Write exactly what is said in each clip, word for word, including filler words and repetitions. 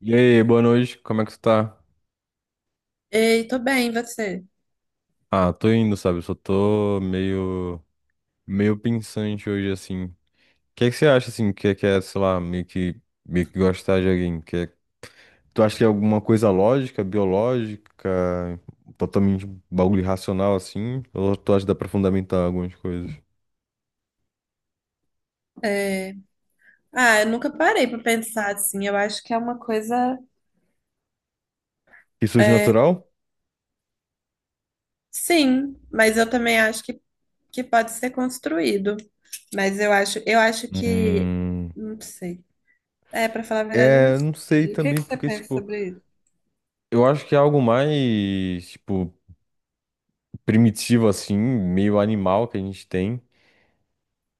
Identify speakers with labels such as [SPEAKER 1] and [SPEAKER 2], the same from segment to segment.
[SPEAKER 1] E aí, boa noite, como é que tu tá?
[SPEAKER 2] Ei, tô bem, e você?
[SPEAKER 1] Ah, tô indo, sabe? Eu Só tô meio, meio pensante hoje, assim. O que é que você acha, assim, que é, que é, sei lá, meio que, meio que gostar de alguém? Que é- Tu acha que é alguma coisa lógica, biológica, totalmente bagulho racional, assim? Ou tu acha que dá pra fundamentar algumas coisas?
[SPEAKER 2] É, Ah, eu nunca parei pra pensar assim. Eu acho que é uma coisa.
[SPEAKER 1] Que surge
[SPEAKER 2] É,
[SPEAKER 1] natural?
[SPEAKER 2] Sim, mas eu também acho que, que pode ser construído. Mas eu acho, eu acho que.
[SPEAKER 1] Hum...
[SPEAKER 2] Não sei. É, pra falar a verdade, eu não
[SPEAKER 1] É, não sei
[SPEAKER 2] sei. O que que
[SPEAKER 1] também,
[SPEAKER 2] você
[SPEAKER 1] porque,
[SPEAKER 2] pensa
[SPEAKER 1] tipo,
[SPEAKER 2] sobre isso?
[SPEAKER 1] eu acho que é algo mais, tipo, primitivo, assim, meio animal que a gente tem,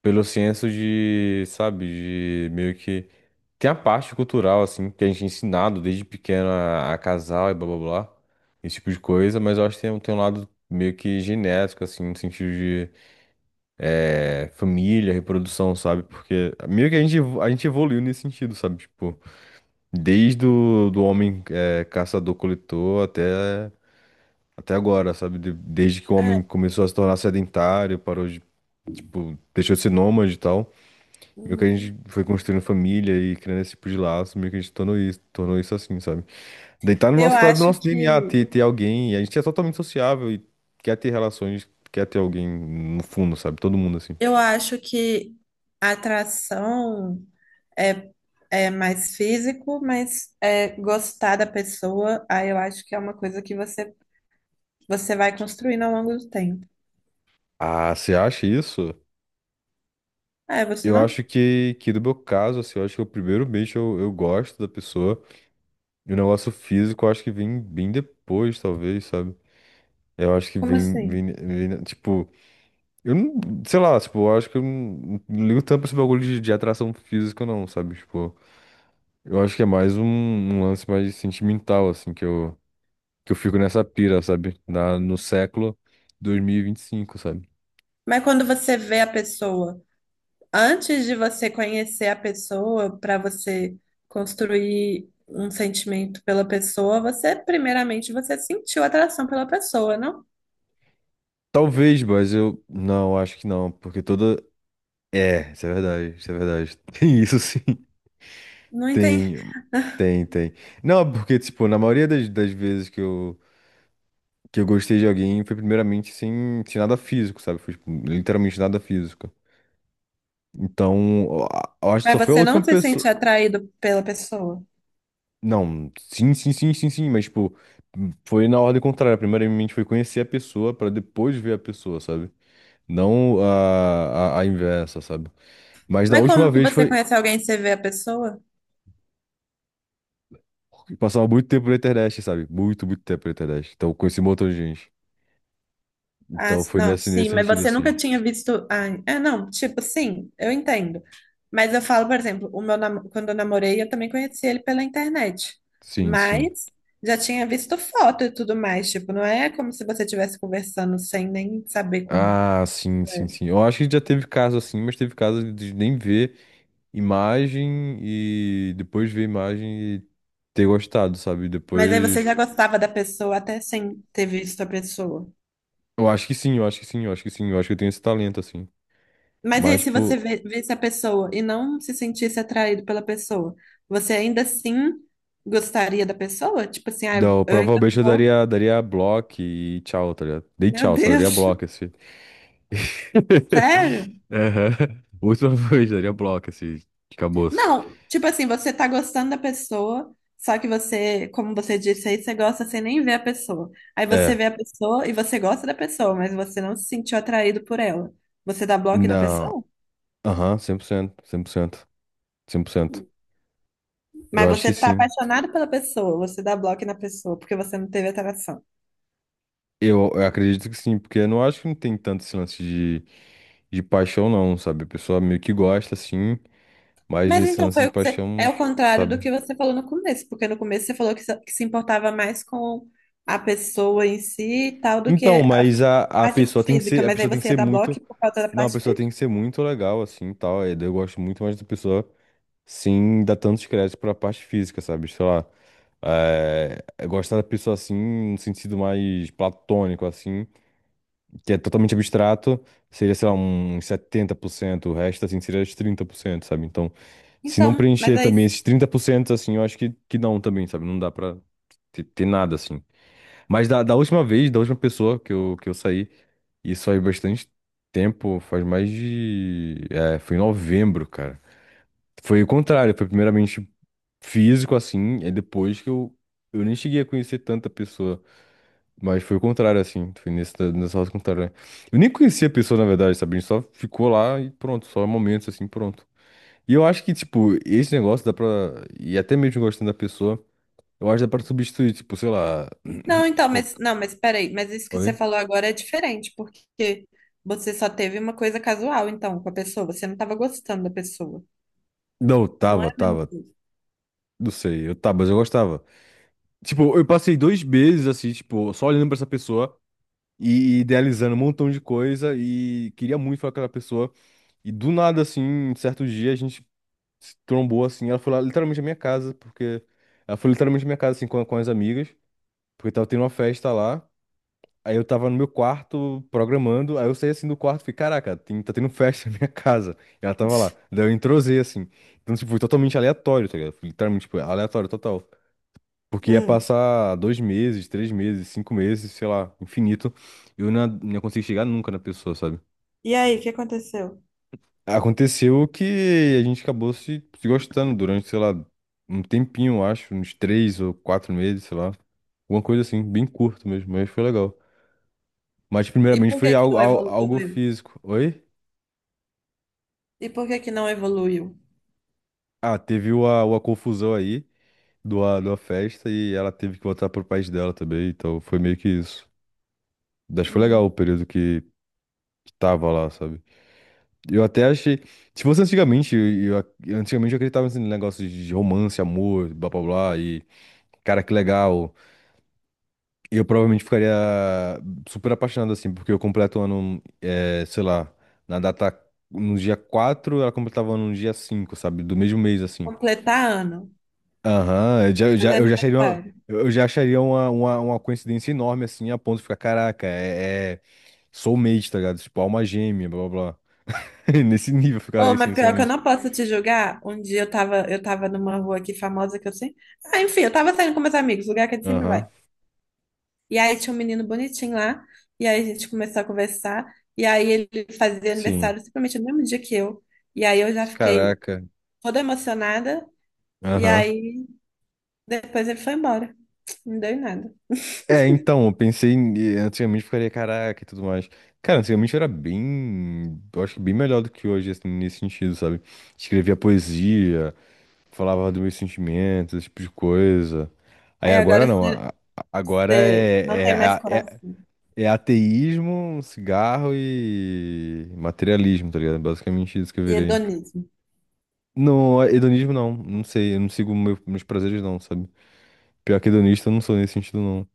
[SPEAKER 1] pelo senso de, sabe, de meio que. Tem a parte cultural, assim, que a gente é ensinado desde pequeno a, a casar e blá blá blá, esse tipo de coisa, mas eu acho que tem, um- tem um lado meio que genético, assim, no sentido de eh, família, reprodução, sabe? Porque meio que a gente, evo- a gente evoluiu nesse sentido, sabe? Tipo, desde o do homem eh, caçador-coletor até, até agora, sabe? De- desde que o homem
[SPEAKER 2] É,
[SPEAKER 1] começou a se tornar sedentário, parou de, tipo, deixou de ser nômade e tal. Meio que a gente
[SPEAKER 2] uhum.
[SPEAKER 1] foi construindo família e criando esse tipo de laço, meio que a gente tornou isso, tornou isso assim, sabe? Daí tá no
[SPEAKER 2] Eu
[SPEAKER 1] nosso, tá no
[SPEAKER 2] acho
[SPEAKER 1] nosso D N A
[SPEAKER 2] que.
[SPEAKER 1] ter, ter alguém, e a gente é totalmente sociável e quer ter relações, quer ter alguém no fundo, sabe? Todo mundo assim.
[SPEAKER 2] Eu acho que a atração é, é mais físico, mas é gostar da pessoa, aí eu acho que é uma coisa que você Você vai construindo ao longo do tempo.
[SPEAKER 1] Ah, você acha isso?
[SPEAKER 2] Ah, é você
[SPEAKER 1] Eu
[SPEAKER 2] não?
[SPEAKER 1] acho que, que no meu caso, assim, eu acho que o primeiro beijo eu, eu gosto da pessoa, e o negócio físico eu acho que vem bem depois, talvez, sabe? Eu acho que
[SPEAKER 2] Como
[SPEAKER 1] vem,
[SPEAKER 2] assim?
[SPEAKER 1] vem, vem tipo. Eu não, sei lá, tipo, eu acho que eu não, não ligo tanto pra esse bagulho de, de atração física, não, sabe? Tipo, eu acho que é mais um, um lance mais sentimental, assim, que eu, que eu fico nessa pira, sabe? Na, no século dois mil e vinte e cinco, sabe?
[SPEAKER 2] Mas quando você vê a pessoa, antes de você conhecer a pessoa, para você construir um sentimento pela pessoa, você, primeiramente, você sentiu atração pela pessoa, não?
[SPEAKER 1] Talvez, mas eu não, acho que não, porque toda. É, isso é verdade, isso é verdade. Tem isso sim.
[SPEAKER 2] Não entendi.
[SPEAKER 1] Tem, tem, tem. Não, porque, tipo, na maioria das, das vezes que eu, que eu gostei de alguém foi primeiramente sem, sem nada físico, sabe? Foi, tipo, literalmente nada físico. Então, eu acho que
[SPEAKER 2] Mas
[SPEAKER 1] só foi a
[SPEAKER 2] você não
[SPEAKER 1] última
[SPEAKER 2] se
[SPEAKER 1] pessoa.
[SPEAKER 2] sente atraído pela pessoa.
[SPEAKER 1] Não, sim, sim, sim, sim, sim, mas, tipo, foi na ordem contrária. Primeiramente foi conhecer a pessoa pra depois ver a pessoa, sabe? Não a, a, a inversa, sabe? Mas da
[SPEAKER 2] Mas
[SPEAKER 1] última
[SPEAKER 2] como que
[SPEAKER 1] vez
[SPEAKER 2] você
[SPEAKER 1] foi.
[SPEAKER 2] conhece alguém e você vê a pessoa?
[SPEAKER 1] Passava muito tempo na internet, sabe? Muito, muito tempo na internet. Então, eu conheci um montão de gente.
[SPEAKER 2] Ah,
[SPEAKER 1] Então, foi
[SPEAKER 2] não,
[SPEAKER 1] nesse,
[SPEAKER 2] sim,
[SPEAKER 1] nesse
[SPEAKER 2] mas
[SPEAKER 1] sentido,
[SPEAKER 2] você nunca
[SPEAKER 1] assim.
[SPEAKER 2] tinha visto. Ah, é, não, tipo, sim, eu entendo. Mas eu falo, por exemplo, o meu nam- quando eu namorei, eu também conheci ele pela internet.
[SPEAKER 1] Sim, sim.
[SPEAKER 2] Mas já tinha visto foto e tudo mais. Tipo, não é como se você estivesse conversando sem nem saber como.
[SPEAKER 1] Ah, sim, sim, sim. Eu acho que já teve caso assim, mas teve caso de nem ver imagem e depois ver a imagem e ter gostado, sabe?
[SPEAKER 2] Mas aí você
[SPEAKER 1] Depois.
[SPEAKER 2] já gostava da pessoa até sem ter visto a pessoa.
[SPEAKER 1] Eu acho que sim, eu acho que sim, eu acho que sim, eu acho que eu tenho esse talento, assim.
[SPEAKER 2] Mas e aí,
[SPEAKER 1] Mas,
[SPEAKER 2] se
[SPEAKER 1] tipo,
[SPEAKER 2] você vê- visse a pessoa e não se sentisse atraído pela pessoa, você ainda assim gostaria da pessoa? Tipo assim, ah,
[SPEAKER 1] não,
[SPEAKER 2] eu ainda
[SPEAKER 1] provavelmente eu
[SPEAKER 2] vou.
[SPEAKER 1] daria, daria bloco e tchau, tá ligado? Dei
[SPEAKER 2] Meu
[SPEAKER 1] tchau, só daria
[SPEAKER 2] Deus,
[SPEAKER 1] bloco, assim.
[SPEAKER 2] sério?
[SPEAKER 1] Aham. Muito provavelmente daria bloco, assim, acabou-se.
[SPEAKER 2] Não, tipo assim, você tá gostando da pessoa, só que você, como você disse aí, você gosta sem nem ver a pessoa. Aí você
[SPEAKER 1] É,
[SPEAKER 2] vê a pessoa e você gosta da pessoa, mas você não se sentiu atraído por ela. Você dá bloco na
[SPEAKER 1] não.
[SPEAKER 2] pessoa?
[SPEAKER 1] Aham, cem por cento cem por cento, cem por cento. Eu
[SPEAKER 2] Mas
[SPEAKER 1] acho que
[SPEAKER 2] você tá
[SPEAKER 1] sim.
[SPEAKER 2] apaixonado pela pessoa, você dá bloco na pessoa, porque você não teve atração.
[SPEAKER 1] Eu, eu acredito que sim, porque eu não acho que não tem tanto esse lance de, de paixão, não, sabe? A pessoa meio que gosta, sim, mas
[SPEAKER 2] Mas
[SPEAKER 1] esse
[SPEAKER 2] então
[SPEAKER 1] lance
[SPEAKER 2] foi
[SPEAKER 1] de
[SPEAKER 2] o que você, é
[SPEAKER 1] paixão,
[SPEAKER 2] o contrário do
[SPEAKER 1] sabe?
[SPEAKER 2] que você falou no começo, porque no começo você falou que se que se importava mais com a pessoa em si e tal do que
[SPEAKER 1] Então,
[SPEAKER 2] a
[SPEAKER 1] mas a, a
[SPEAKER 2] Parte
[SPEAKER 1] pessoa tem que
[SPEAKER 2] física,
[SPEAKER 1] ser, a
[SPEAKER 2] mas aí
[SPEAKER 1] pessoa tem que
[SPEAKER 2] você ia
[SPEAKER 1] ser
[SPEAKER 2] dar
[SPEAKER 1] muito.
[SPEAKER 2] bloco por causa da
[SPEAKER 1] Não, a
[SPEAKER 2] parte
[SPEAKER 1] pessoa tem
[SPEAKER 2] física?
[SPEAKER 1] que ser muito legal, assim, e tal. E daí eu gosto muito mais da pessoa sem dar tantos créditos pra parte física, sabe? Sei lá. É, é gostar da pessoa assim, no sentido mais platônico, assim. Que é totalmente abstrato, seria, sei lá, uns setenta por cento, o resto, assim, seria os trinta por cento, sabe? Então, se não
[SPEAKER 2] Então, mas
[SPEAKER 1] preencher
[SPEAKER 2] aí.
[SPEAKER 1] também esses trinta por cento assim, eu acho que, que não também, sabe? Não dá pra ter, ter nada, assim. Mas da, da última vez, da última pessoa que eu, que eu saí, isso faz bastante tempo, faz mais de... É, foi em novembro, cara. Foi o contrário, foi primeiramente físico, assim, é depois que eu, eu nem cheguei a conhecer tanta pessoa. Mas foi o contrário, assim. Foi nesse, da- nessa roça contrária, né? Eu nem conhecia a pessoa, na verdade, sabe? A gente só ficou lá e pronto, só momentos assim, pronto. E eu acho que, tipo, esse negócio dá pra. E até mesmo gostando da pessoa, eu acho que dá pra substituir, tipo, sei lá.
[SPEAKER 2] Não, então,
[SPEAKER 1] qual-
[SPEAKER 2] mas não, mas peraí, mas isso que você
[SPEAKER 1] Oi?
[SPEAKER 2] falou agora é diferente, porque você só teve uma coisa casual, então, com a pessoa, você não estava gostando da pessoa.
[SPEAKER 1] Não,
[SPEAKER 2] Não é
[SPEAKER 1] tava,
[SPEAKER 2] a mesma
[SPEAKER 1] tava.
[SPEAKER 2] coisa.
[SPEAKER 1] Não sei, eu tava, mas eu gostava. Tipo, eu passei dois meses, assim, tipo, só olhando pra essa pessoa e idealizando um montão de coisa e queria muito falar com aquela pessoa. E do nada, assim, certo dia, a gente se trombou assim. Ela foi lá literalmente na minha casa, porque. Ela foi literalmente na minha casa, assim, com, com as amigas, porque tava tendo uma festa lá. Aí eu tava no meu quarto programando, aí eu saí assim do quarto e fiquei, caraca, tem- tá tendo festa na minha casa. E ela tava lá. Daí eu entrosei assim. Então, tipo, foi totalmente aleatório, tá ligado? Foi literalmente, tipo, aleatório total. Porque ia
[SPEAKER 2] Hum.
[SPEAKER 1] passar dois meses, três meses, cinco meses, sei lá, infinito. E eu não, não ia conseguir chegar nunca na pessoa, sabe?
[SPEAKER 2] E aí, o que aconteceu?
[SPEAKER 1] Aconteceu que a gente acabou se, se gostando durante, sei lá, um tempinho, eu acho, uns três ou quatro meses, sei lá. Alguma coisa assim, bem curto mesmo, mas foi legal. Mas
[SPEAKER 2] E
[SPEAKER 1] primeiramente
[SPEAKER 2] por
[SPEAKER 1] foi
[SPEAKER 2] que que
[SPEAKER 1] algo,
[SPEAKER 2] não
[SPEAKER 1] al- algo
[SPEAKER 2] evoluiu?
[SPEAKER 1] físico. Oi?
[SPEAKER 2] E por que que não evoluiu?
[SPEAKER 1] Ah, teve uma, uma confusão aí do a, da festa e ela teve que voltar pro país dela também, então foi meio que isso. Mas foi legal
[SPEAKER 2] Hum.
[SPEAKER 1] o período que, que tava lá, sabe? Eu até achei. Se fosse antigamente, eu, eu- antigamente eu acreditava nesse negócio de romance, amor, blá blá blá, e cara, que legal. Eu provavelmente ficaria super apaixonado, assim, porque eu completo o ano, eh, sei lá, na data, no dia quatro, ela completava o ano no dia cinco, sabe? Do mesmo mês, assim.
[SPEAKER 2] Completar ano,
[SPEAKER 1] Aham, eu já, eu já,
[SPEAKER 2] fazer
[SPEAKER 1] eu já acharia uma,
[SPEAKER 2] aniversário.
[SPEAKER 1] eu já acharia uma, uma, uma coincidência enorme, assim, a ponto de ficar, caraca, é, é soulmate, tá ligado? Tipo, alma gêmea, blá, blá, blá. Nesse nível eu ficaria,
[SPEAKER 2] Ô,
[SPEAKER 1] assim,
[SPEAKER 2] mas pior que eu
[SPEAKER 1] realmente.
[SPEAKER 2] não posso te julgar. Um dia eu tava, eu tava numa rua aqui famosa que eu sei. Ah, enfim, eu tava saindo com meus amigos, lugar que a gente sempre vai.
[SPEAKER 1] Aham,
[SPEAKER 2] E aí tinha um menino bonitinho lá, e aí a gente começou a conversar, e aí ele fazia
[SPEAKER 1] sim.
[SPEAKER 2] aniversário simplesmente no mesmo dia que eu. E aí eu já fiquei
[SPEAKER 1] Caraca.
[SPEAKER 2] toda emocionada, e
[SPEAKER 1] Aham.
[SPEAKER 2] aí depois ele foi embora. Não deu em nada.
[SPEAKER 1] É, então, eu pensei, em- antigamente eu ficaria caraca e tudo mais. Cara, antigamente era bem, eu acho que bem melhor do que hoje, assim, nesse sentido, sabe? Escrevia poesia, falava dos meus sentimentos, esse tipo de coisa. Aí
[SPEAKER 2] Aí
[SPEAKER 1] agora
[SPEAKER 2] agora
[SPEAKER 1] não,
[SPEAKER 2] você,
[SPEAKER 1] a- a- agora
[SPEAKER 2] você não
[SPEAKER 1] é,
[SPEAKER 2] tem mais
[SPEAKER 1] é, é, é
[SPEAKER 2] coração.
[SPEAKER 1] é ateísmo, cigarro e materialismo, tá ligado? Basicamente isso que eu
[SPEAKER 2] E
[SPEAKER 1] virei.
[SPEAKER 2] hedonismo.
[SPEAKER 1] Não, hedonismo não, não sei, eu não sigo meu- meus prazeres não, sabe? Pior que hedonista eu não sou nesse sentido não.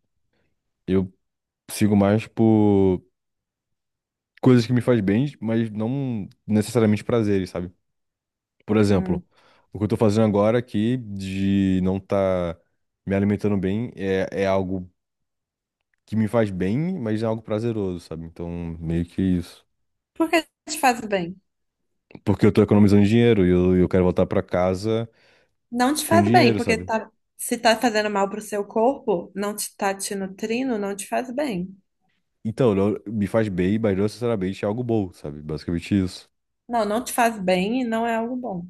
[SPEAKER 1] Eu sigo mais por coisas que me faz bem, mas não necessariamente prazeres, sabe? Por
[SPEAKER 2] Hum.
[SPEAKER 1] exemplo, o que eu tô fazendo agora aqui de não tá me alimentando bem é, é algo que me faz bem, mas é algo prazeroso, sabe? Então, meio que isso.
[SPEAKER 2] Por que te faz bem?
[SPEAKER 1] Porque eu tô economizando dinheiro e eu, eu quero voltar pra casa
[SPEAKER 2] Não te
[SPEAKER 1] com
[SPEAKER 2] faz bem,
[SPEAKER 1] dinheiro,
[SPEAKER 2] porque
[SPEAKER 1] sabe?
[SPEAKER 2] tá, se tá fazendo mal pro seu corpo, não te tá te nutrindo, não te faz bem.
[SPEAKER 1] Então, não- me faz bem, mas não necessariamente é algo bom, sabe? Basicamente isso.
[SPEAKER 2] Não, não te faz bem e não é algo bom.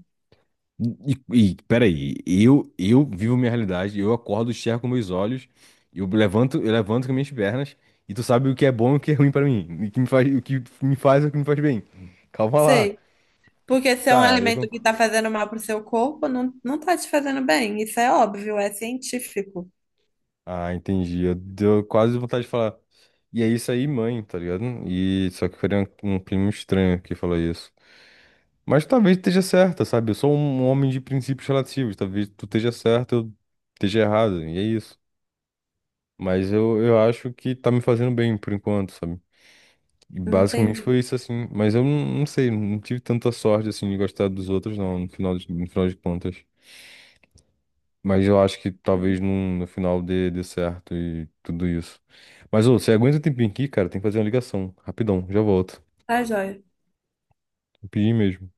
[SPEAKER 1] E, e peraí, eu, eu vivo minha realidade, eu acordo, enxergo com meus olhos, eu levanto, eu levanto com minhas pernas, e tu sabe o que é bom e o que é ruim pra mim, e o que me faz, o que me faz e o que me faz bem. Calma lá.
[SPEAKER 2] Sei. Porque se é um
[SPEAKER 1] Tá, eu
[SPEAKER 2] alimento que
[SPEAKER 1] concordo.
[SPEAKER 2] tá fazendo mal pro seu corpo, não, não tá te fazendo bem. Isso é óbvio, é científico.
[SPEAKER 1] Ah, entendi. Eu deu quase vontade de falar. E é isso aí, mãe, tá ligado? E só que foi um, um primo estranho que falou isso. Mas talvez esteja certa, sabe? Eu sou um um homem de princípios relativos. Talvez tu esteja certo, eu esteja errado. E é isso. Mas eu, eu acho que tá me fazendo bem por enquanto, sabe? E basicamente
[SPEAKER 2] Entendi.
[SPEAKER 1] foi isso, assim. Mas eu não, não sei, não tive tanta sorte, assim, de gostar dos outros, não, no final de, no final de contas. Mas eu acho que talvez num- no final dê, dê certo e tudo isso. Mas, ô, você aguenta um tempinho aqui, cara? Tem que fazer uma ligação. Rapidão, já volto.
[SPEAKER 2] Tá, joia.
[SPEAKER 1] Rapidinho mesmo.